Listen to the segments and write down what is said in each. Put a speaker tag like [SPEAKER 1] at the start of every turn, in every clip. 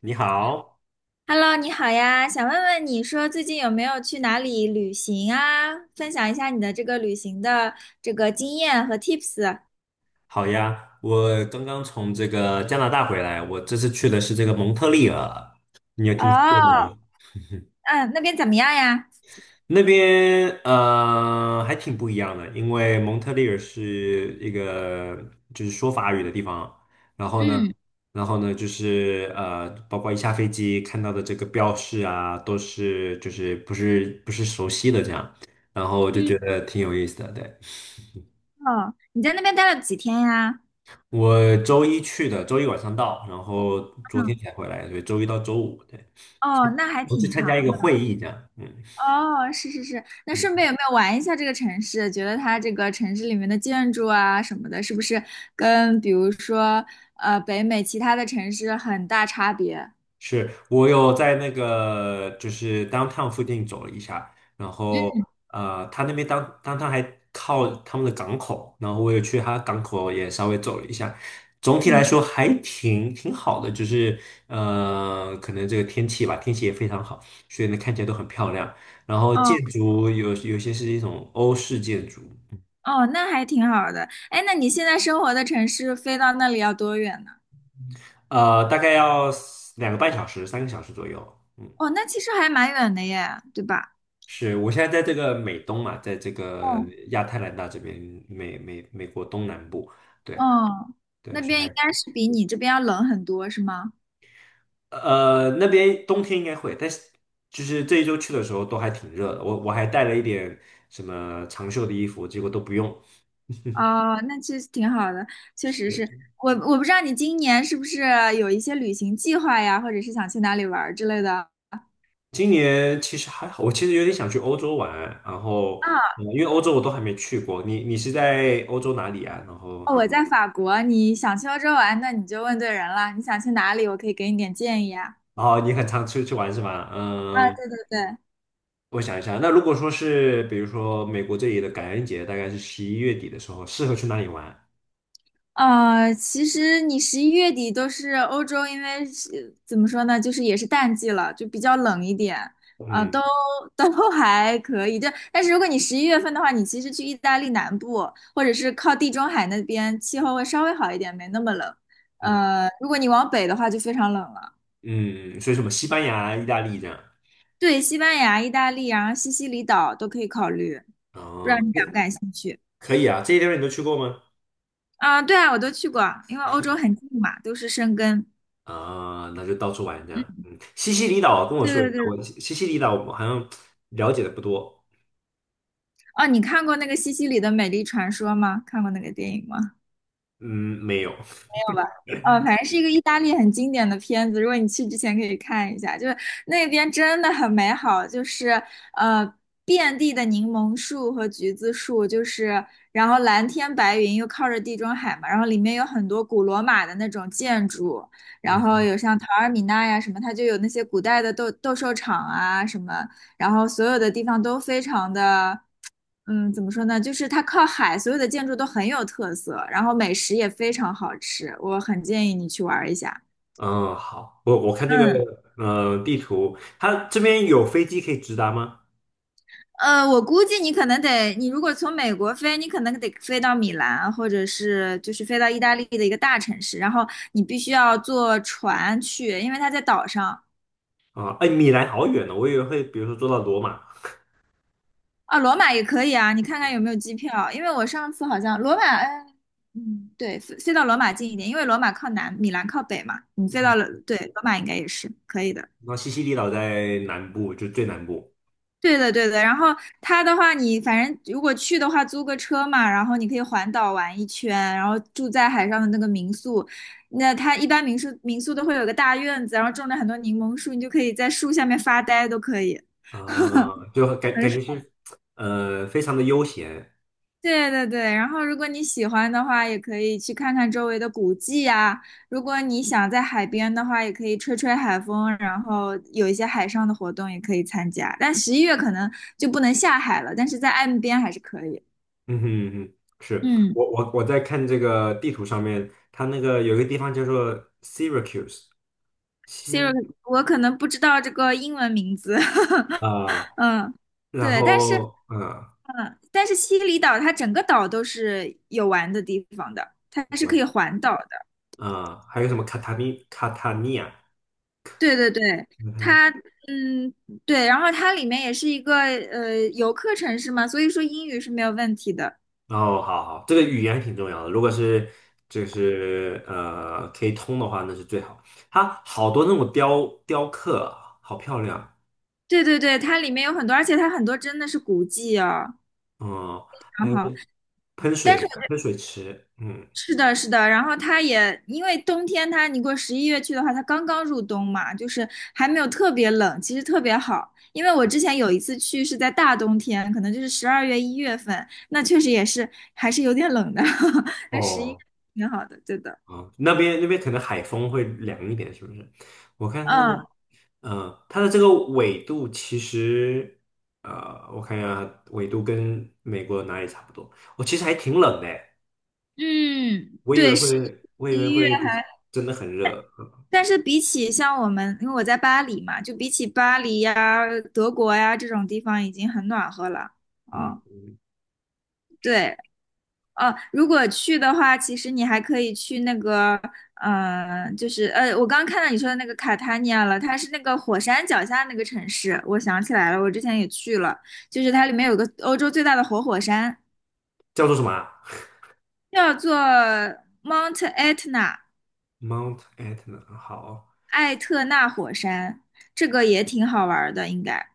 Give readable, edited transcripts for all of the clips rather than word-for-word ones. [SPEAKER 1] 你好，
[SPEAKER 2] Hello，你好呀，想问问你说最近有没有去哪里旅行啊？分享一下你的这个旅行的这个经验和 tips。
[SPEAKER 1] 好呀，我刚刚从这个加拿大回来，我这次去的是这个蒙特利尔，你有
[SPEAKER 2] 哦，
[SPEAKER 1] 听说过吗？
[SPEAKER 2] 嗯，那边怎么样呀？
[SPEAKER 1] 那边还挺不一样的，因为蒙特利尔是一个就是说法语的地方，然后呢，
[SPEAKER 2] 嗯
[SPEAKER 1] 然后呢就是，包括一下飞机看到的这个标识啊，都是就是不是熟悉的这样，然后我就
[SPEAKER 2] 嗯，
[SPEAKER 1] 觉得挺有意思的，对。
[SPEAKER 2] 哦，你在那边待了几天呀？
[SPEAKER 1] 我周一去的，周一晚上到，然后昨天
[SPEAKER 2] 嗯，
[SPEAKER 1] 才回来，所以周一到周五，对，
[SPEAKER 2] 哦，那还
[SPEAKER 1] 我去
[SPEAKER 2] 挺
[SPEAKER 1] 参
[SPEAKER 2] 长。
[SPEAKER 1] 加一个会议，这样，嗯
[SPEAKER 2] 哦，是是是，那顺
[SPEAKER 1] 嗯，
[SPEAKER 2] 便有没有玩一下这个城市？觉得它这个城市里面的建筑啊什么的，是不是跟比如说北美其他的城市很大差别？
[SPEAKER 1] 是我有在那个就是 downtown 附近走了一下，然后，
[SPEAKER 2] 嗯
[SPEAKER 1] 他那边当 downtown 还靠他们的港口，然后我也去他港口也稍微走了一下，总体来
[SPEAKER 2] 嗯，
[SPEAKER 1] 说还挺好的，就是，可能这个天气吧，天气也非常好，所以呢看起来都很漂亮。然后
[SPEAKER 2] 哦。
[SPEAKER 1] 建筑有些是一种欧式建筑。
[SPEAKER 2] 哦，那还挺好的。哎，那你现在生活的城市飞到那里要多远呢？
[SPEAKER 1] 大概要两个半小时、三个小时左右。嗯，
[SPEAKER 2] 哦，那其实还蛮远的耶，对吧？
[SPEAKER 1] 是我现在在这个美东嘛，在这个
[SPEAKER 2] 哦，
[SPEAKER 1] 亚特兰大这边，美国东南部。对
[SPEAKER 2] 哦，那
[SPEAKER 1] 对，是
[SPEAKER 2] 边
[SPEAKER 1] 还
[SPEAKER 2] 应该是比你这边要冷很多，是吗？
[SPEAKER 1] 那边冬天应该会，但是就是这一周去的时候都还挺热的。我还带了一点什么长袖的衣服，结果都不用。
[SPEAKER 2] 哦，那其实挺好的，确实是。
[SPEAKER 1] 对，
[SPEAKER 2] 我不知道你今年是不是有一些旅行计划呀，或者是想去哪里玩儿之类的。
[SPEAKER 1] 今年其实还好，我其实有点想去欧洲玩，然后。嗯
[SPEAKER 2] 啊，
[SPEAKER 1] 因为欧洲我都还没去过，你是在欧洲哪里啊？然后
[SPEAKER 2] 哦我在法国，你想去欧洲玩，那你就问对人了。你想去哪里，我可以给你点建议啊。
[SPEAKER 1] 哦，你很常出去玩是吧？
[SPEAKER 2] 啊，
[SPEAKER 1] 嗯，
[SPEAKER 2] 对对对，
[SPEAKER 1] 我想一下，那如果说是比如说美国这里的感恩节，大概是11月底的时候，适合去哪里玩？
[SPEAKER 2] 其实你11月底都是欧洲，因为是怎么说呢，就是也是淡季了，就比较冷一点，啊、都
[SPEAKER 1] 嗯
[SPEAKER 2] 都 还可以。但是如果你11月份的话，你其实去意大利南部，或者是靠地中海那边，气候会稍微好一点，没那么冷。
[SPEAKER 1] 嗯
[SPEAKER 2] 如果你往北的话，就非常冷了。
[SPEAKER 1] 嗯，所以什么西班牙、意大利这样。
[SPEAKER 2] 对，西班牙、意大利，然后西西里岛都可以考虑，不知道
[SPEAKER 1] 哦，
[SPEAKER 2] 你
[SPEAKER 1] 那
[SPEAKER 2] 感不感兴趣？
[SPEAKER 1] 可以啊，这些地方你都去过吗？
[SPEAKER 2] 啊、对啊，我都去过，因为欧洲很近嘛，都是生根。
[SPEAKER 1] 啊、那就到处玩这样。
[SPEAKER 2] 嗯，
[SPEAKER 1] 嗯，西西里岛跟我
[SPEAKER 2] 对
[SPEAKER 1] 说一
[SPEAKER 2] 对
[SPEAKER 1] 下，我
[SPEAKER 2] 对。
[SPEAKER 1] 西西里岛我好像了解的不多。
[SPEAKER 2] 哦，你看过那个西西里的美丽传说吗？看过那个电影吗？
[SPEAKER 1] 嗯，没有。
[SPEAKER 2] 没有吧？哦，反正是一个意大利很经典的片子，如果你去之前可以看一下，就是那边真的很美好，就是呃遍地的柠檬树和橘子树，就是然后蓝天白云又靠着地中海嘛，然后里面有很多古罗马的那种建筑，然后
[SPEAKER 1] 嗯
[SPEAKER 2] 有像陶尔米纳呀什么，它就有那些古代的斗兽场啊什么，然后所有的地方都非常的，嗯，怎么说呢？就是它靠海，所有的建筑都很有特色，然后美食也非常好吃，我很建议你去玩儿一下。
[SPEAKER 1] 嗯，好，我看这个
[SPEAKER 2] 嗯，
[SPEAKER 1] 地图，它这边有飞机可以直达吗？
[SPEAKER 2] 我估计你可能得，你如果从美国飞，你可能得飞到米兰，或者是就是飞到意大利的一个大城市，然后你必须要坐船去，因为它在岛上。
[SPEAKER 1] 啊，哎，米兰好远呢，我以为会比如说坐到罗马，
[SPEAKER 2] 啊，罗马也可以啊，你看看有没有机票，因为我上次好像罗马，哎，嗯，对，飞到罗马近一点，因为罗马靠南，米兰靠北嘛，你飞到
[SPEAKER 1] 嗯，
[SPEAKER 2] 了，对，罗马应该也是可以的。
[SPEAKER 1] 那西西里岛在南部，就最南部
[SPEAKER 2] 对的，对的。然后它的话，你反正如果去的话，租个车嘛，然后你可以环岛玩一圈，然后住在海上的那个民宿。那它一般民宿都会有个大院子，然后种了很多柠檬树，你就可以在树下面发呆，都可以。
[SPEAKER 1] 啊，就感觉是非常的悠闲，
[SPEAKER 2] 对对对，然后如果你喜欢的话，也可以去看看周围的古迹呀。如果你想在海边的话，也可以吹吹海风，然后有一些海上的活动也可以参加。但十一月可能就不能下海了，但是在岸边还是可以。
[SPEAKER 1] 嗯哼嗯哼，是
[SPEAKER 2] 嗯
[SPEAKER 1] 我在看这个地图上面，它那个有一个地方叫做 Syracuse 西
[SPEAKER 2] ，Siri，我可能不知道这个英文名字，
[SPEAKER 1] 啊，
[SPEAKER 2] 嗯，
[SPEAKER 1] 然
[SPEAKER 2] 对，但是
[SPEAKER 1] 后
[SPEAKER 2] 嗯，但是西里岛它整个岛都是有玩的地方的，它是可
[SPEAKER 1] 我
[SPEAKER 2] 以环岛的。
[SPEAKER 1] 啊，还有什么卡塔尼亚，
[SPEAKER 2] 对对对。它。嗯，对，然后它里面也是一个游客城市嘛，所以说英语是没有问题的。
[SPEAKER 1] 哦，好好，这个语言挺重要的。如果是就是可以通的话，那是最好。它好多那种雕刻啊好漂亮。
[SPEAKER 2] 对对对，它里面有很多，而且它很多真的是古迹哦。
[SPEAKER 1] 嗯，还
[SPEAKER 2] 然
[SPEAKER 1] 有一
[SPEAKER 2] 后，
[SPEAKER 1] 些喷
[SPEAKER 2] 但是
[SPEAKER 1] 水喷水池，嗯，
[SPEAKER 2] 是的，是的，然后它也因为冬天它，你如果十一月去的话，它刚刚入冬嘛，就是还没有特别冷，其实特别好。因为我之前有一次去是在大冬天，可能就是12月1月份，那确实也是还是有点冷的，但十一
[SPEAKER 1] 哦，
[SPEAKER 2] 挺好的，对的。
[SPEAKER 1] 啊，那边可能海风会凉一点，是不是？我看它的，
[SPEAKER 2] 嗯
[SPEAKER 1] 它的这个纬度其实，我看一下，纬度跟美国哪里差不多？其实还挺冷的，
[SPEAKER 2] 嗯，
[SPEAKER 1] 我以为
[SPEAKER 2] 对，十
[SPEAKER 1] 会，我以为
[SPEAKER 2] 一。月。
[SPEAKER 1] 会就是真的很热。嗯
[SPEAKER 2] 但是比起像我们，因为我在巴黎嘛，就比起巴黎呀、德国呀这种地方已经很暖和了。
[SPEAKER 1] 嗯，
[SPEAKER 2] 哦，
[SPEAKER 1] 嗯，
[SPEAKER 2] 对，哦，如果去的话，其实你还可以去那个，就是我刚看到你说的那个卡塔尼亚了，它是那个火山脚下那个城市，我想起来了，我之前也去了，就是它里面有个欧洲最大的活火山，
[SPEAKER 1] 叫做什么啊
[SPEAKER 2] 叫做 Mount Etna。
[SPEAKER 1] ？Mount Etna。好
[SPEAKER 2] 艾特纳火山，这个也挺好玩的，应该。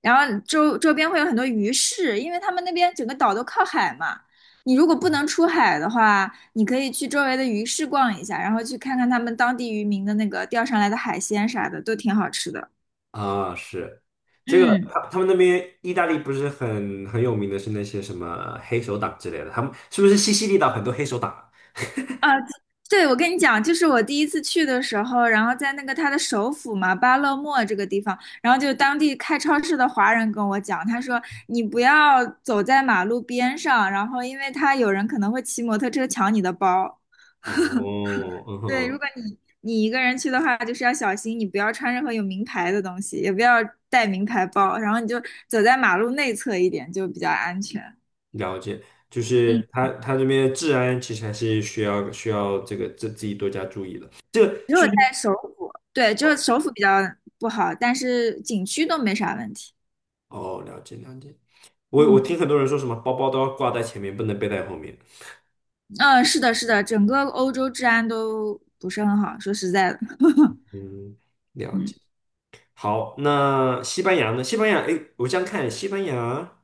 [SPEAKER 2] 然后周边会有很多鱼市，因为他们那边整个岛都靠海嘛。你如果不能出海的话，你可以去周围的鱼市逛一下，然后去看看他们当地渔民的那个钓上来的海鲜啥的，都挺好吃的。
[SPEAKER 1] 啊，是这个，
[SPEAKER 2] 嗯。
[SPEAKER 1] 他们那边意大利不是很有名的是那些什么黑手党之类的，他们是不是西西里岛很多黑手党啊
[SPEAKER 2] 啊，对，我跟你讲，就是我第一次去的时候，然后在那个他的首府嘛，巴勒莫这个地方，然后就当地开超市的华人跟我讲，他说你不要走在马路边上，然后因为他有人可能会骑摩托车抢你的包。
[SPEAKER 1] 哦，嗯
[SPEAKER 2] 对，如
[SPEAKER 1] 哼，
[SPEAKER 2] 果你一个人去的话，就是要小心，你不要穿任何有名牌的东西，也不要带名牌包，然后你就走在马路内侧一点，就比较安全。
[SPEAKER 1] 了解，就
[SPEAKER 2] 嗯。
[SPEAKER 1] 是他这边治安其实还是需要这个自己多加注意的。这个
[SPEAKER 2] 只有
[SPEAKER 1] 是
[SPEAKER 2] 在
[SPEAKER 1] 不是？
[SPEAKER 2] 首府，对，就是首府比较不好，但是景区都没啥问题。
[SPEAKER 1] 哦，了解了解。我
[SPEAKER 2] 嗯
[SPEAKER 1] 听很多人说什么包包都要挂在前面，不能背在后面。
[SPEAKER 2] 嗯，是的，是的，整个欧洲治安都不是很好，说实在的，
[SPEAKER 1] 嗯，了
[SPEAKER 2] 嗯，
[SPEAKER 1] 解。好，那西班牙呢？西班牙，哎，我这样看，西班牙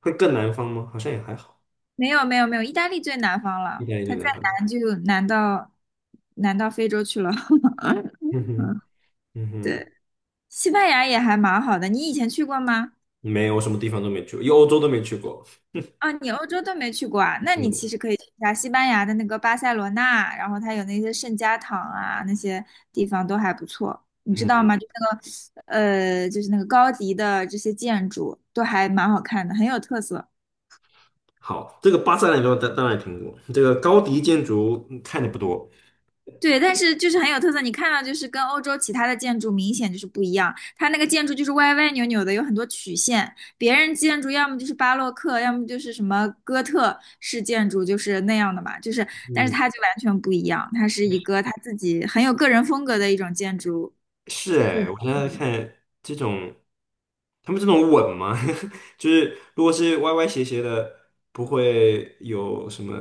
[SPEAKER 1] 会更南方吗？好像也还好，
[SPEAKER 2] 没有没有没有，意大利最南方
[SPEAKER 1] 意
[SPEAKER 2] 了，
[SPEAKER 1] 大利
[SPEAKER 2] 它
[SPEAKER 1] 点
[SPEAKER 2] 再
[SPEAKER 1] 南方。
[SPEAKER 2] 南就南到南到非洲去了。
[SPEAKER 1] 嗯哼，嗯哼，
[SPEAKER 2] 对，西班牙也还蛮好的，你以前去过吗？
[SPEAKER 1] 没有，我什么地方都没去过，因为欧洲都没去过。
[SPEAKER 2] 啊，你欧洲都没去过啊？那你其
[SPEAKER 1] 嗯
[SPEAKER 2] 实可以去一下西班牙的那个巴塞罗那，然后它有那些圣家堂啊，那些地方都还不错，你知道
[SPEAKER 1] 嗯，
[SPEAKER 2] 吗？就那个，就是那个高迪的这些建筑都还蛮好看的，很有特色。
[SPEAKER 1] 好，这个巴塞罗那当然也听过，这个高迪建筑看的不多。
[SPEAKER 2] 对，但是就是很有特色，你看到就是跟欧洲其他的建筑明显就是不一样，它那个建筑就是歪歪扭扭的，有很多曲线。别人建筑要么就是巴洛克，要么就是什么哥特式建筑，就是那样的嘛，就是，但是
[SPEAKER 1] 嗯，
[SPEAKER 2] 它就完全不一样，它是一个它自己很有个人风格的一种建筑。
[SPEAKER 1] 是哎，我现在看这种，他们这种稳吗？就是如果是歪歪斜斜的，不会有什么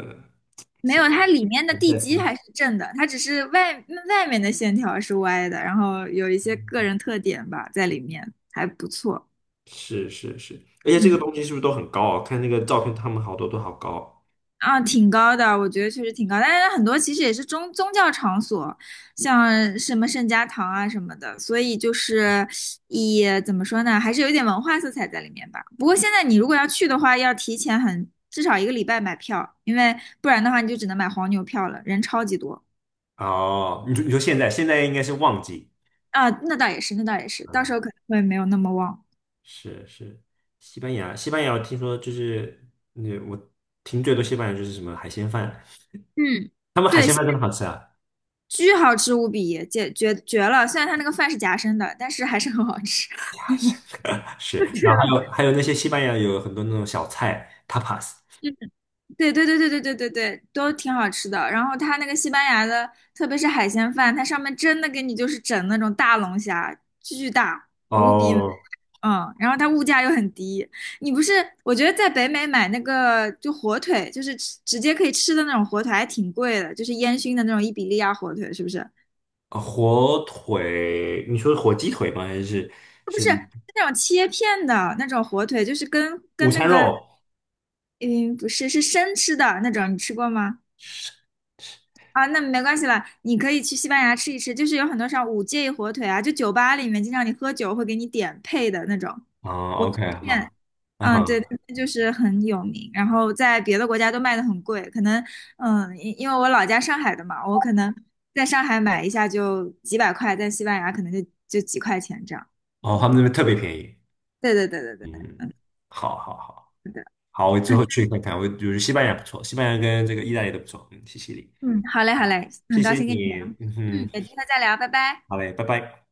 [SPEAKER 2] 没
[SPEAKER 1] 什
[SPEAKER 2] 有，
[SPEAKER 1] 么。
[SPEAKER 2] 它里面的地基还是正的，它只是外面的线条是歪的，然后有一些个人特点吧在里面，还不错。
[SPEAKER 1] 是是是，而且这个
[SPEAKER 2] 嗯。
[SPEAKER 1] 东西是不是都很高啊？看那个照片，他们好多都好高。
[SPEAKER 2] 啊，挺高的，我觉得确实挺高，但是很多其实也是宗教场所，像什么圣家堂啊什么的，所以就是也怎么说呢，还是有一点文化色彩在里面吧。不过现在你如果要去的话，要提前很至少1个礼拜买票，因为不然的话你就只能买黄牛票了，人超级多
[SPEAKER 1] 哦，你说现在应该是旺季，
[SPEAKER 2] 啊。那倒也是，那倒也是，到
[SPEAKER 1] 啊？
[SPEAKER 2] 时候可能会没有那么旺。
[SPEAKER 1] 是是，西班牙，西班牙，我听说就是，那我听最多西班牙就是什么海鲜饭，
[SPEAKER 2] 嗯，
[SPEAKER 1] 他们海
[SPEAKER 2] 对，
[SPEAKER 1] 鲜
[SPEAKER 2] 现
[SPEAKER 1] 饭真
[SPEAKER 2] 在
[SPEAKER 1] 的好吃啊。
[SPEAKER 2] 巨好吃无比，绝绝绝了。虽然它那个饭是夹生的，但是还是很好吃。
[SPEAKER 1] 是，
[SPEAKER 2] 对的。
[SPEAKER 1] 然后还有那些西班牙有很多那种小菜 tapas，
[SPEAKER 2] 对对对对对对对对，都挺好吃的。然后它那个西班牙的，特别是海鲜饭，它上面真的给你就是整那种大龙虾，巨大无比美
[SPEAKER 1] 哦，
[SPEAKER 2] 嗯。然后它物价又很低，你不是？我觉得在北美买那个就火腿，就是吃直接可以吃的那种火腿，还挺贵的，就是烟熏的那种伊比利亚火腿，是不是？
[SPEAKER 1] 火腿，你说火鸡腿吗？还是是
[SPEAKER 2] 那种切片的那种火腿，就是跟
[SPEAKER 1] 午
[SPEAKER 2] 跟那
[SPEAKER 1] 餐
[SPEAKER 2] 个
[SPEAKER 1] 肉？
[SPEAKER 2] 嗯不是是生吃的那种，你吃过吗？
[SPEAKER 1] 是
[SPEAKER 2] 啊，那没关系了，你可以去西班牙吃一吃，就是有很多像五戒火腿啊，就酒吧里面经常你喝酒会给你点配的那种
[SPEAKER 1] 啊
[SPEAKER 2] 火
[SPEAKER 1] ，OK，
[SPEAKER 2] 腿片，
[SPEAKER 1] 好，啊
[SPEAKER 2] 嗯，对，
[SPEAKER 1] 哈。
[SPEAKER 2] 那就是很有名，然后在别的国家都卖的很贵，可能，嗯，因为我老家上海的嘛，我可能在上海买一下就几百块，在西班牙可能就几块钱这样，
[SPEAKER 1] 哦，他
[SPEAKER 2] 嗯，
[SPEAKER 1] 们那边特别便宜。
[SPEAKER 2] 对对对对对，
[SPEAKER 1] 嗯，好，好，好，好，我之后 去看看。我就是西班牙不错，西班牙跟这个意大利都不错，嗯，谢谢你
[SPEAKER 2] 嗯，好嘞好
[SPEAKER 1] 好，
[SPEAKER 2] 嘞，很
[SPEAKER 1] 谢
[SPEAKER 2] 高
[SPEAKER 1] 谢
[SPEAKER 2] 兴跟你聊，
[SPEAKER 1] 你，嗯
[SPEAKER 2] 嗯，
[SPEAKER 1] 哼，
[SPEAKER 2] 有机会再聊，拜拜。
[SPEAKER 1] 好嘞，拜拜。